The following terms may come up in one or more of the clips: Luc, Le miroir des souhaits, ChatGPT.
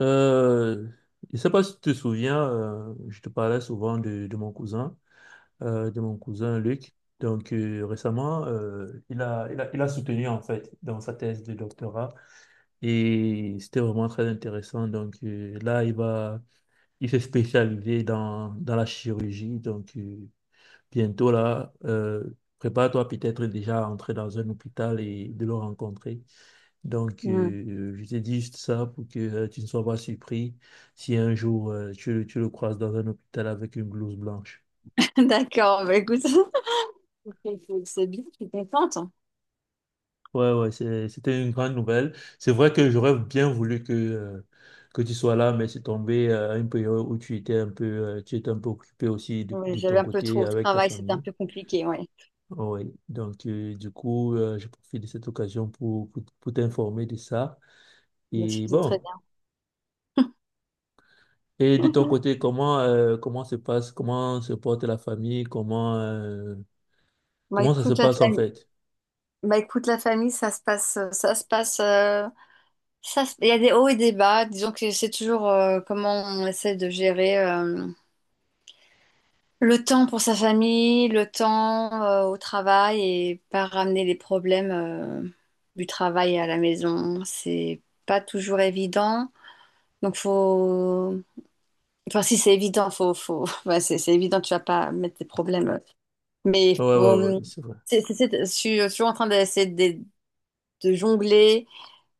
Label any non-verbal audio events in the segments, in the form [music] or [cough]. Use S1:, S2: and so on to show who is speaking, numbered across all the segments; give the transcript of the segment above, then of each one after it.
S1: Euh, je ne sais pas si tu te souviens, je te parlais souvent de mon cousin, de mon cousin Luc. Récemment, il a soutenu en fait dans sa thèse de doctorat et c'était vraiment très intéressant. Là, il va, il s'est spécialisé dans la chirurgie. Bientôt là. Prépare-toi peut-être déjà à entrer dans un hôpital et de le rencontrer. Donc,
S2: Mm.
S1: je te dis juste ça pour que tu ne sois pas surpris si un jour tu le croises dans un hôpital avec une blouse blanche.
S2: [laughs] D'accord, bah écoute, [laughs] c'est bien, je suis contente.
S1: Ouais, ouais, c'était une grande nouvelle. C'est vrai que j'aurais bien voulu que tu sois là, mais c'est tombé à une période où tu étais un peu, tu étais un peu occupé aussi de,
S2: Ouais,
S1: de
S2: j'avais
S1: ton
S2: un peu
S1: côté
S2: trop au
S1: avec ta
S2: travail, c'était un
S1: famille.
S2: peu compliqué, ouais.
S1: Oui, donc du coup, je profite de cette occasion pour t'informer de ça.
S2: Bah, je
S1: Et
S2: faisais très
S1: bon, et de ton
S2: bien. [laughs]
S1: côté, comment, comment se passe, comment se porte la famille, comment,
S2: Bah
S1: comment ça se
S2: écoute la
S1: passe en
S2: famille,
S1: fait?
S2: ça se passe, il y a des hauts et des bas. Disons que c'est toujours comment on essaie de gérer le temps pour sa famille, le temps au travail et pas ramener les problèmes du travail à la maison. C'est pas toujours évident, donc faut... Enfin, si c'est évident, [laughs] bah, c'est évident, tu vas pas mettre des problèmes.
S1: Ouais,
S2: Mais
S1: ouais,
S2: faut,
S1: ouais, oui, c'est vrai.
S2: je en train d'essayer de jongler,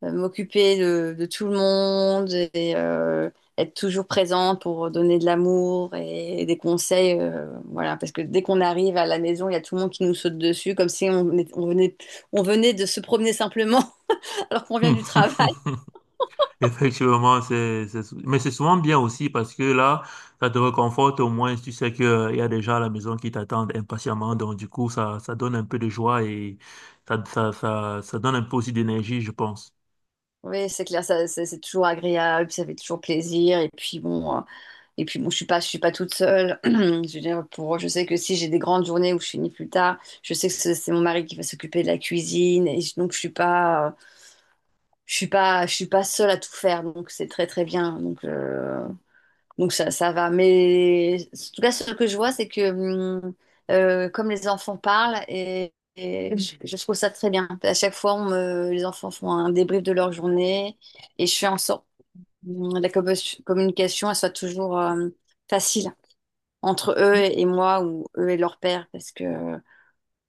S2: m'occuper de tout le monde et être toujours présente pour donner de l'amour et des conseils. Voilà, parce que dès qu'on arrive à la maison, il y a tout le monde qui nous saute dessus, comme si on venait, on venait de se promener simplement, [laughs] alors qu'on vient
S1: Hmm.
S2: du travail.
S1: [laughs] Effectivement, mais c'est souvent bien aussi parce que là, ça te réconforte au moins, tu sais que, il y a des gens à la maison qui t'attendent impatiemment, donc du coup, ça donne un peu de joie et ça donne un peu aussi d'énergie, je pense.
S2: Oui, c'est clair, ça, c'est toujours agréable, ça fait toujours plaisir. Et puis bon. Et puis bon, je suis pas toute seule. [clears throat] Je veux dire, pour, je sais que si j'ai des grandes journées où je finis plus tard, je sais que c'est mon mari qui va s'occuper de la cuisine. Donc je suis pas, je suis pas seule à tout faire. Donc c'est très très bien. Donc ça va. Mais en tout cas, ce que je vois, c'est que comme les enfants parlent et je trouve ça très bien. À chaque fois, les enfants font un débrief de leur journée et je fais en sorte communication elle soit toujours facile entre eux et moi ou eux et leur père parce que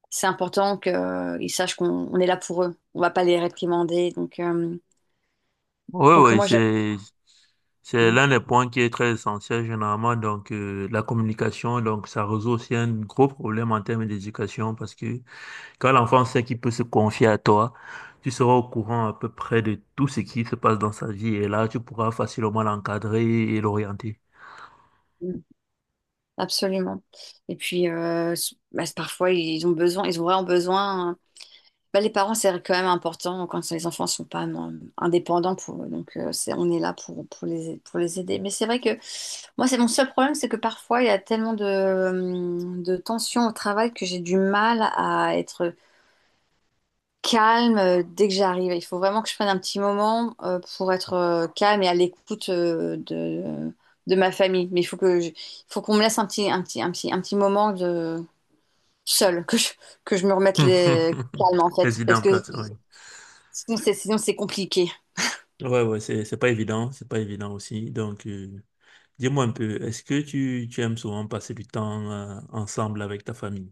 S2: c'est important qu'ils sachent qu'on est là pour eux. On va pas les réprimander.
S1: Oui,
S2: Donc
S1: oui,
S2: moi, j'aime.
S1: c'est
S2: Mm,
S1: l'un des points qui est très essentiel généralement. Donc, la communication, donc, ça résout aussi un gros problème en termes d'éducation parce que quand l'enfant sait qu'il peut se confier à toi, tu seras au courant à peu près de tout ce qui se passe dans sa vie et là, tu pourras facilement l'encadrer et l'orienter.
S2: mm, absolument. Et puis, bah, c'est- parfois, ils ont vraiment besoin, hein. Bah, les parents, c'est quand même important quand les enfants sont pas non, indépendants pour eux. Donc, c'est, on est là pour, pour les aider. Mais c'est vrai que moi, c'est mon seul problème, c'est que parfois, il y a tellement de tensions au travail que j'ai du mal à être calme dès que j'arrive. Il faut vraiment que je prenne un petit moment pour être calme et à l'écoute de ma famille. Mais il faut qu'on me laisse un petit moment de seul, que je me remette les
S1: [laughs]
S2: calme en fait, parce
S1: Président
S2: que
S1: Platon, oui.
S2: sinon c'est compliqué.
S1: Ouais, ouais, c'est pas évident aussi. Donc, dis-moi un peu, est-ce que tu aimes souvent passer du temps ensemble avec ta famille?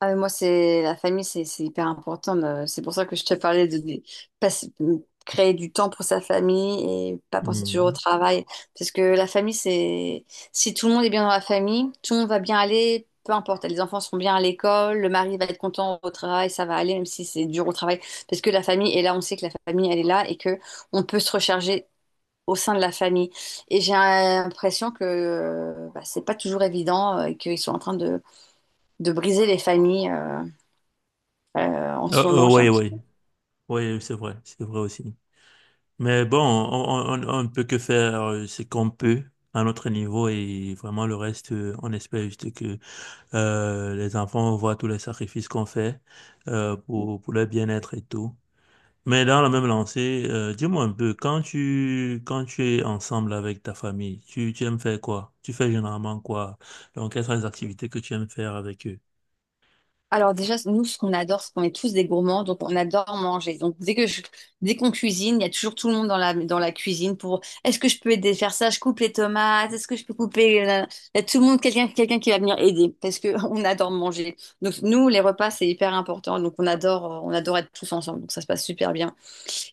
S2: Ah, mais moi, c'est la famille, c'est hyper important. C'est pour ça que je te parlais de de créer du temps pour sa famille et pas penser toujours au
S1: Mhm.
S2: travail. Parce que la famille, c'est... Si tout le monde est bien dans la famille, tout le monde va bien aller, peu importe. Les enfants seront bien à l'école, le mari va être content au travail, ça va aller, même si c'est dur au travail. Parce que la famille est là, on sait que la famille, elle est là et que on peut se recharger au sein de la famille. Et j'ai l'impression que bah, c'est pas toujours évident et qu'ils sont en train de briser les familles. En
S1: Euh,
S2: ce moment, j'ai
S1: ouais,
S2: un petit...
S1: ouais, ouais, c'est vrai aussi. Mais bon, on ne peut que faire ce qu'on peut à notre niveau et vraiment le reste, on espère juste que les enfants voient tous les sacrifices qu'on fait pour leur bien-être et tout. Mais dans la même lancée, dis-moi un peu, quand tu es ensemble avec ta famille, tu aimes faire quoi? Tu fais généralement quoi? Donc, quelles sont les activités que tu aimes faire avec eux?
S2: Alors déjà, nous, ce qu'on adore, c'est qu'on est tous des gourmands, donc on adore manger. Dès qu'on cuisine, il y a toujours tout le monde dans la cuisine pour est-ce que je peux aider à faire ça? Je coupe les tomates, est-ce que je peux couper... la- Il y a tout le monde, quelqu'un qui va venir aider parce que [laughs] on adore manger. Donc nous, les repas, c'est hyper important. Donc on adore être tous ensemble. Donc ça se passe super bien.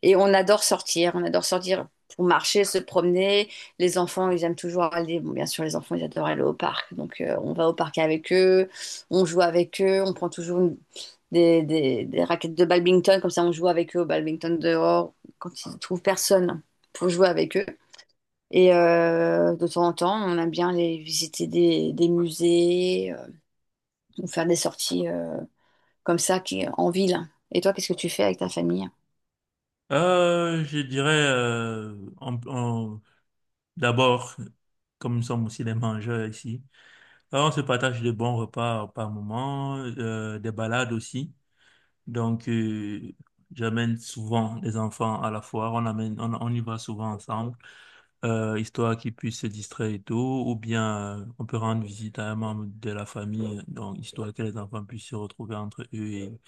S2: Et on adore sortir pour marcher, se promener. Les enfants, ils aiment toujours aller. Bon, bien sûr, les enfants, ils adorent aller au parc. Donc, on va au parc avec eux, on joue avec eux, on prend toujours une- des raquettes de badminton. Comme ça, on joue avec eux au badminton dehors quand ils ne trouvent personne pour jouer avec eux. Et de temps en temps, on aime bien aller visiter des musées ou faire des sorties comme ça qui, en ville. Et toi, qu'est-ce que tu fais avec ta famille?
S1: Je dirais, on- on- d'abord, comme nous sommes aussi des mangeurs ici, alors on se partage de bons repas par moment, des balades aussi. Donc, j'amène souvent des enfants à la foire, on amène, on y va souvent ensemble. Histoire qu'ils puissent se distraire et tout, ou bien on peut rendre visite à un membre de la famille, donc histoire que les enfants puissent se retrouver entre eux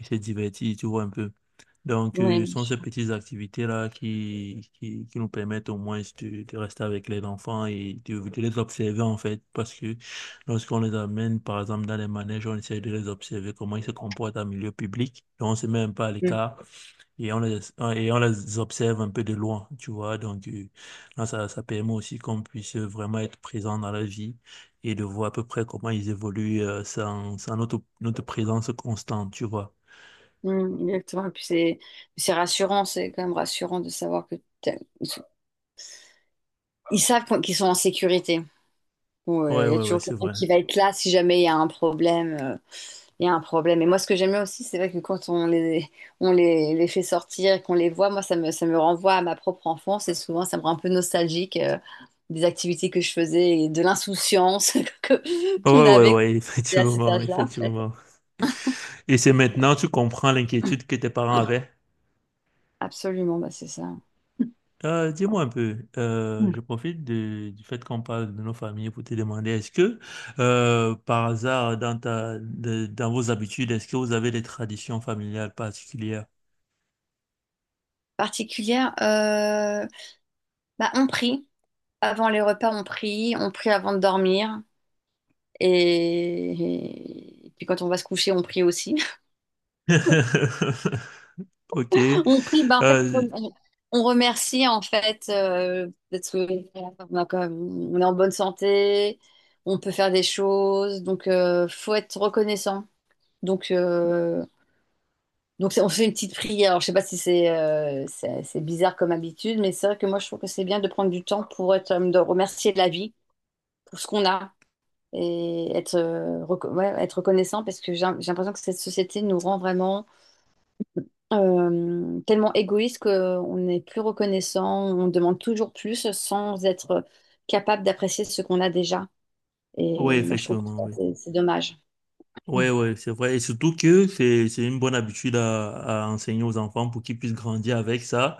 S1: et se divertir, tu vois un peu. Donc,
S2: Oui,
S1: ce
S2: bien
S1: sont ces
S2: sûr.
S1: petites activités-là qui nous permettent au moins de rester avec les enfants et de les observer, en fait, parce que lorsqu'on les amène, par exemple, dans les manèges, on essaie de les observer, comment ils se comportent en milieu public, et on se met un peu à
S2: Mm,
S1: l'écart et on les, et on les observe un peu de loin, tu vois. Donc, là, ça permet aussi qu'on puisse vraiment être présent dans la vie et de voir à peu près comment ils évoluent sans, sans notre, notre présence constante, tu vois.
S2: mm, exactement. Et puis c'est rassurant, c'est quand même rassurant de savoir que t'as- ils sont- ils savent qu'ils sont en sécurité. Bon,
S1: Ouais,
S2: il y a
S1: ouais, ouais,
S2: toujours
S1: c'est
S2: quelqu'un
S1: vrai.
S2: qui va être là si jamais il y a un problème. Et moi, ce que j'aime bien aussi, c'est vrai que quand les fait sortir et qu'on les voit, moi, ça me renvoie à ma propre enfance et souvent, ça me rend un peu nostalgique. Des activités que je faisais et de l'insouciance [laughs] que-
S1: Ouais,
S2: qu'on
S1: ouais,
S2: avait quand
S1: ouais, [laughs]
S2: on était à cet
S1: effectivement,
S2: âge-là, en fait.
S1: effectivement. Et c'est maintenant que tu comprends l'inquiétude que tes parents avaient.
S2: Absolument, bah, c'est ça.
S1: Dis-moi un peu, je profite du fait qu'on parle de nos familles pour te demander, est-ce que par hasard dans dans vos habitudes, est-ce que vous avez des traditions familiales particulières?
S2: Particulière, bah, on prie. Avant les repas, on prie. On prie avant de dormir. Et puis quand on va se coucher, on prie aussi.
S1: [laughs] Ok,
S2: [laughs] On prie, ben,
S1: euh,
S2: on remercie en fait d'être, on a quand même... On est en bonne santé, on peut faire des choses, donc faut être reconnaissant. Donc, euh, Donc c'est- on fait une petite prière. Alors, je sais pas si c'est bizarre comme habitude, mais c'est vrai que moi je trouve que c'est bien de prendre du temps pour être, de remercier la vie pour ce qu'on a et être, ouais, être reconnaissant parce que j'ai l'impression que cette société nous rend vraiment tellement égoïste qu'on n'est plus reconnaissant, on demande toujours plus sans être capable d'apprécier ce qu'on a déjà.
S1: oui,
S2: Et moi je trouve que
S1: effectivement,
S2: ça,
S1: oui.
S2: c'est dommage.
S1: Ouais, ouais, c'est vrai. Et surtout que c'est une bonne habitude à enseigner aux enfants pour qu'ils puissent grandir avec ça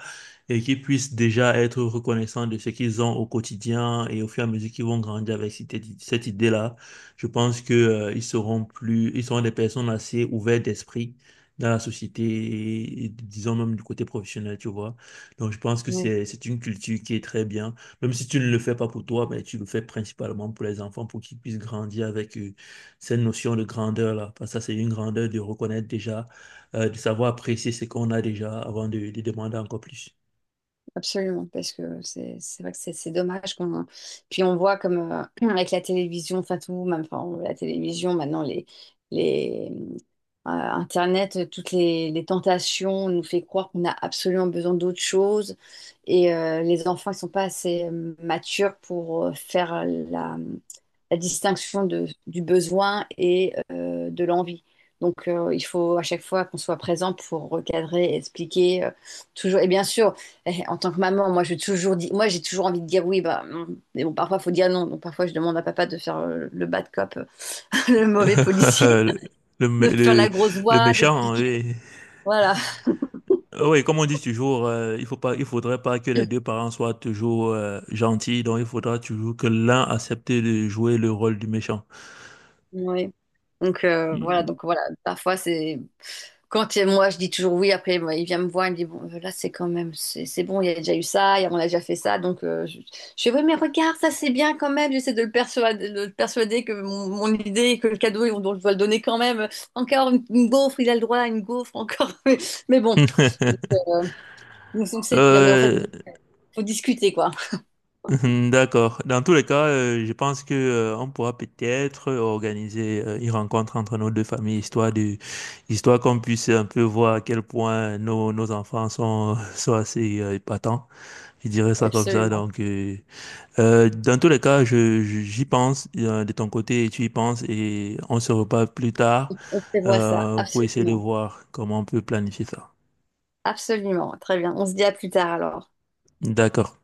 S1: et qu'ils puissent déjà être reconnaissants de ce qu'ils ont au quotidien et au fur et à mesure qu'ils vont grandir avec cette idée-là. Je pense que, ils seront des personnes assez ouvertes d'esprit dans la société et disons même du côté professionnel, tu vois. Donc, je pense que
S2: Mm.
S1: c'est une culture qui est très bien. Même si tu ne le fais pas pour toi, mais tu le fais principalement pour les enfants pour qu'ils puissent grandir avec eux cette notion de grandeur-là. Parce que ça, c'est une grandeur de reconnaître déjà, de savoir apprécier ce qu'on a déjà avant de demander encore plus.
S2: Absolument, parce que c'est vrai que c'est dommage qu'on... Puis on voit comme [clears throat] avec la télévision, enfin tout, même enfin, la télévision, maintenant les, Internet, toutes les tentations nous fait croire qu'on a absolument besoin d'autre chose et les enfants ne sont pas assez matures pour faire la, la distinction du besoin et de l'envie. Donc il faut à chaque fois qu'on soit présent pour recadrer, expliquer toujours. Et bien sûr, eh, en tant que maman, moi j'ai toujours envie de dire oui, bah, non. Mais bon, parfois il faut dire non. Donc parfois je demande à papa de faire le bad cop, [laughs] le mauvais
S1: [laughs]
S2: policier,
S1: Le, le, mé-
S2: de faire
S1: le-
S2: la grosse
S1: le
S2: voix,
S1: méchant, hein,
S2: d'expliquer.
S1: oui.
S2: Voilà.
S1: Ah oui, comme on dit toujours, il faut pas, il faudrait pas que les deux parents soient toujours gentils, donc il faudra toujours que l'un accepte de jouer le rôle du méchant.
S2: Oui. Donc voilà,
S1: Mm.
S2: donc voilà, parfois c'est quand il- moi je dis toujours oui, après moi, il vient me voir, il me dit bon là c'est quand même c'est bon, il y a déjà eu ça, on a déjà fait ça, donc je fais oui mais regarde ça c'est bien quand même, j'essaie de le persuader que mon idée, que le cadeau on doit- je dois le donner quand même, une gaufre, il a le droit à une gaufre encore, [laughs] mais bon,
S1: [laughs]
S2: c'est bien, mais en fait
S1: Euh,
S2: faut discuter quoi,
S1: mhm, d'accord. Dans tous les cas, je pense que on pourra peut-être organiser une rencontre entre nos deux familles, histoire de, histoire qu'on puisse un peu voir à quel point nos, nos enfants sont, [laughs] sont assez épatants. Je dirais ça comme ça.
S2: absolument,
S1: Donc, dans tous les cas, j'y pense de ton côté et tu y penses et on se reparle plus tard
S2: on prévoit ça,
S1: pour essayer de
S2: absolument.
S1: voir comment on peut planifier ça.
S2: Absolument, très bien. On se dit à plus tard alors.
S1: D'accord.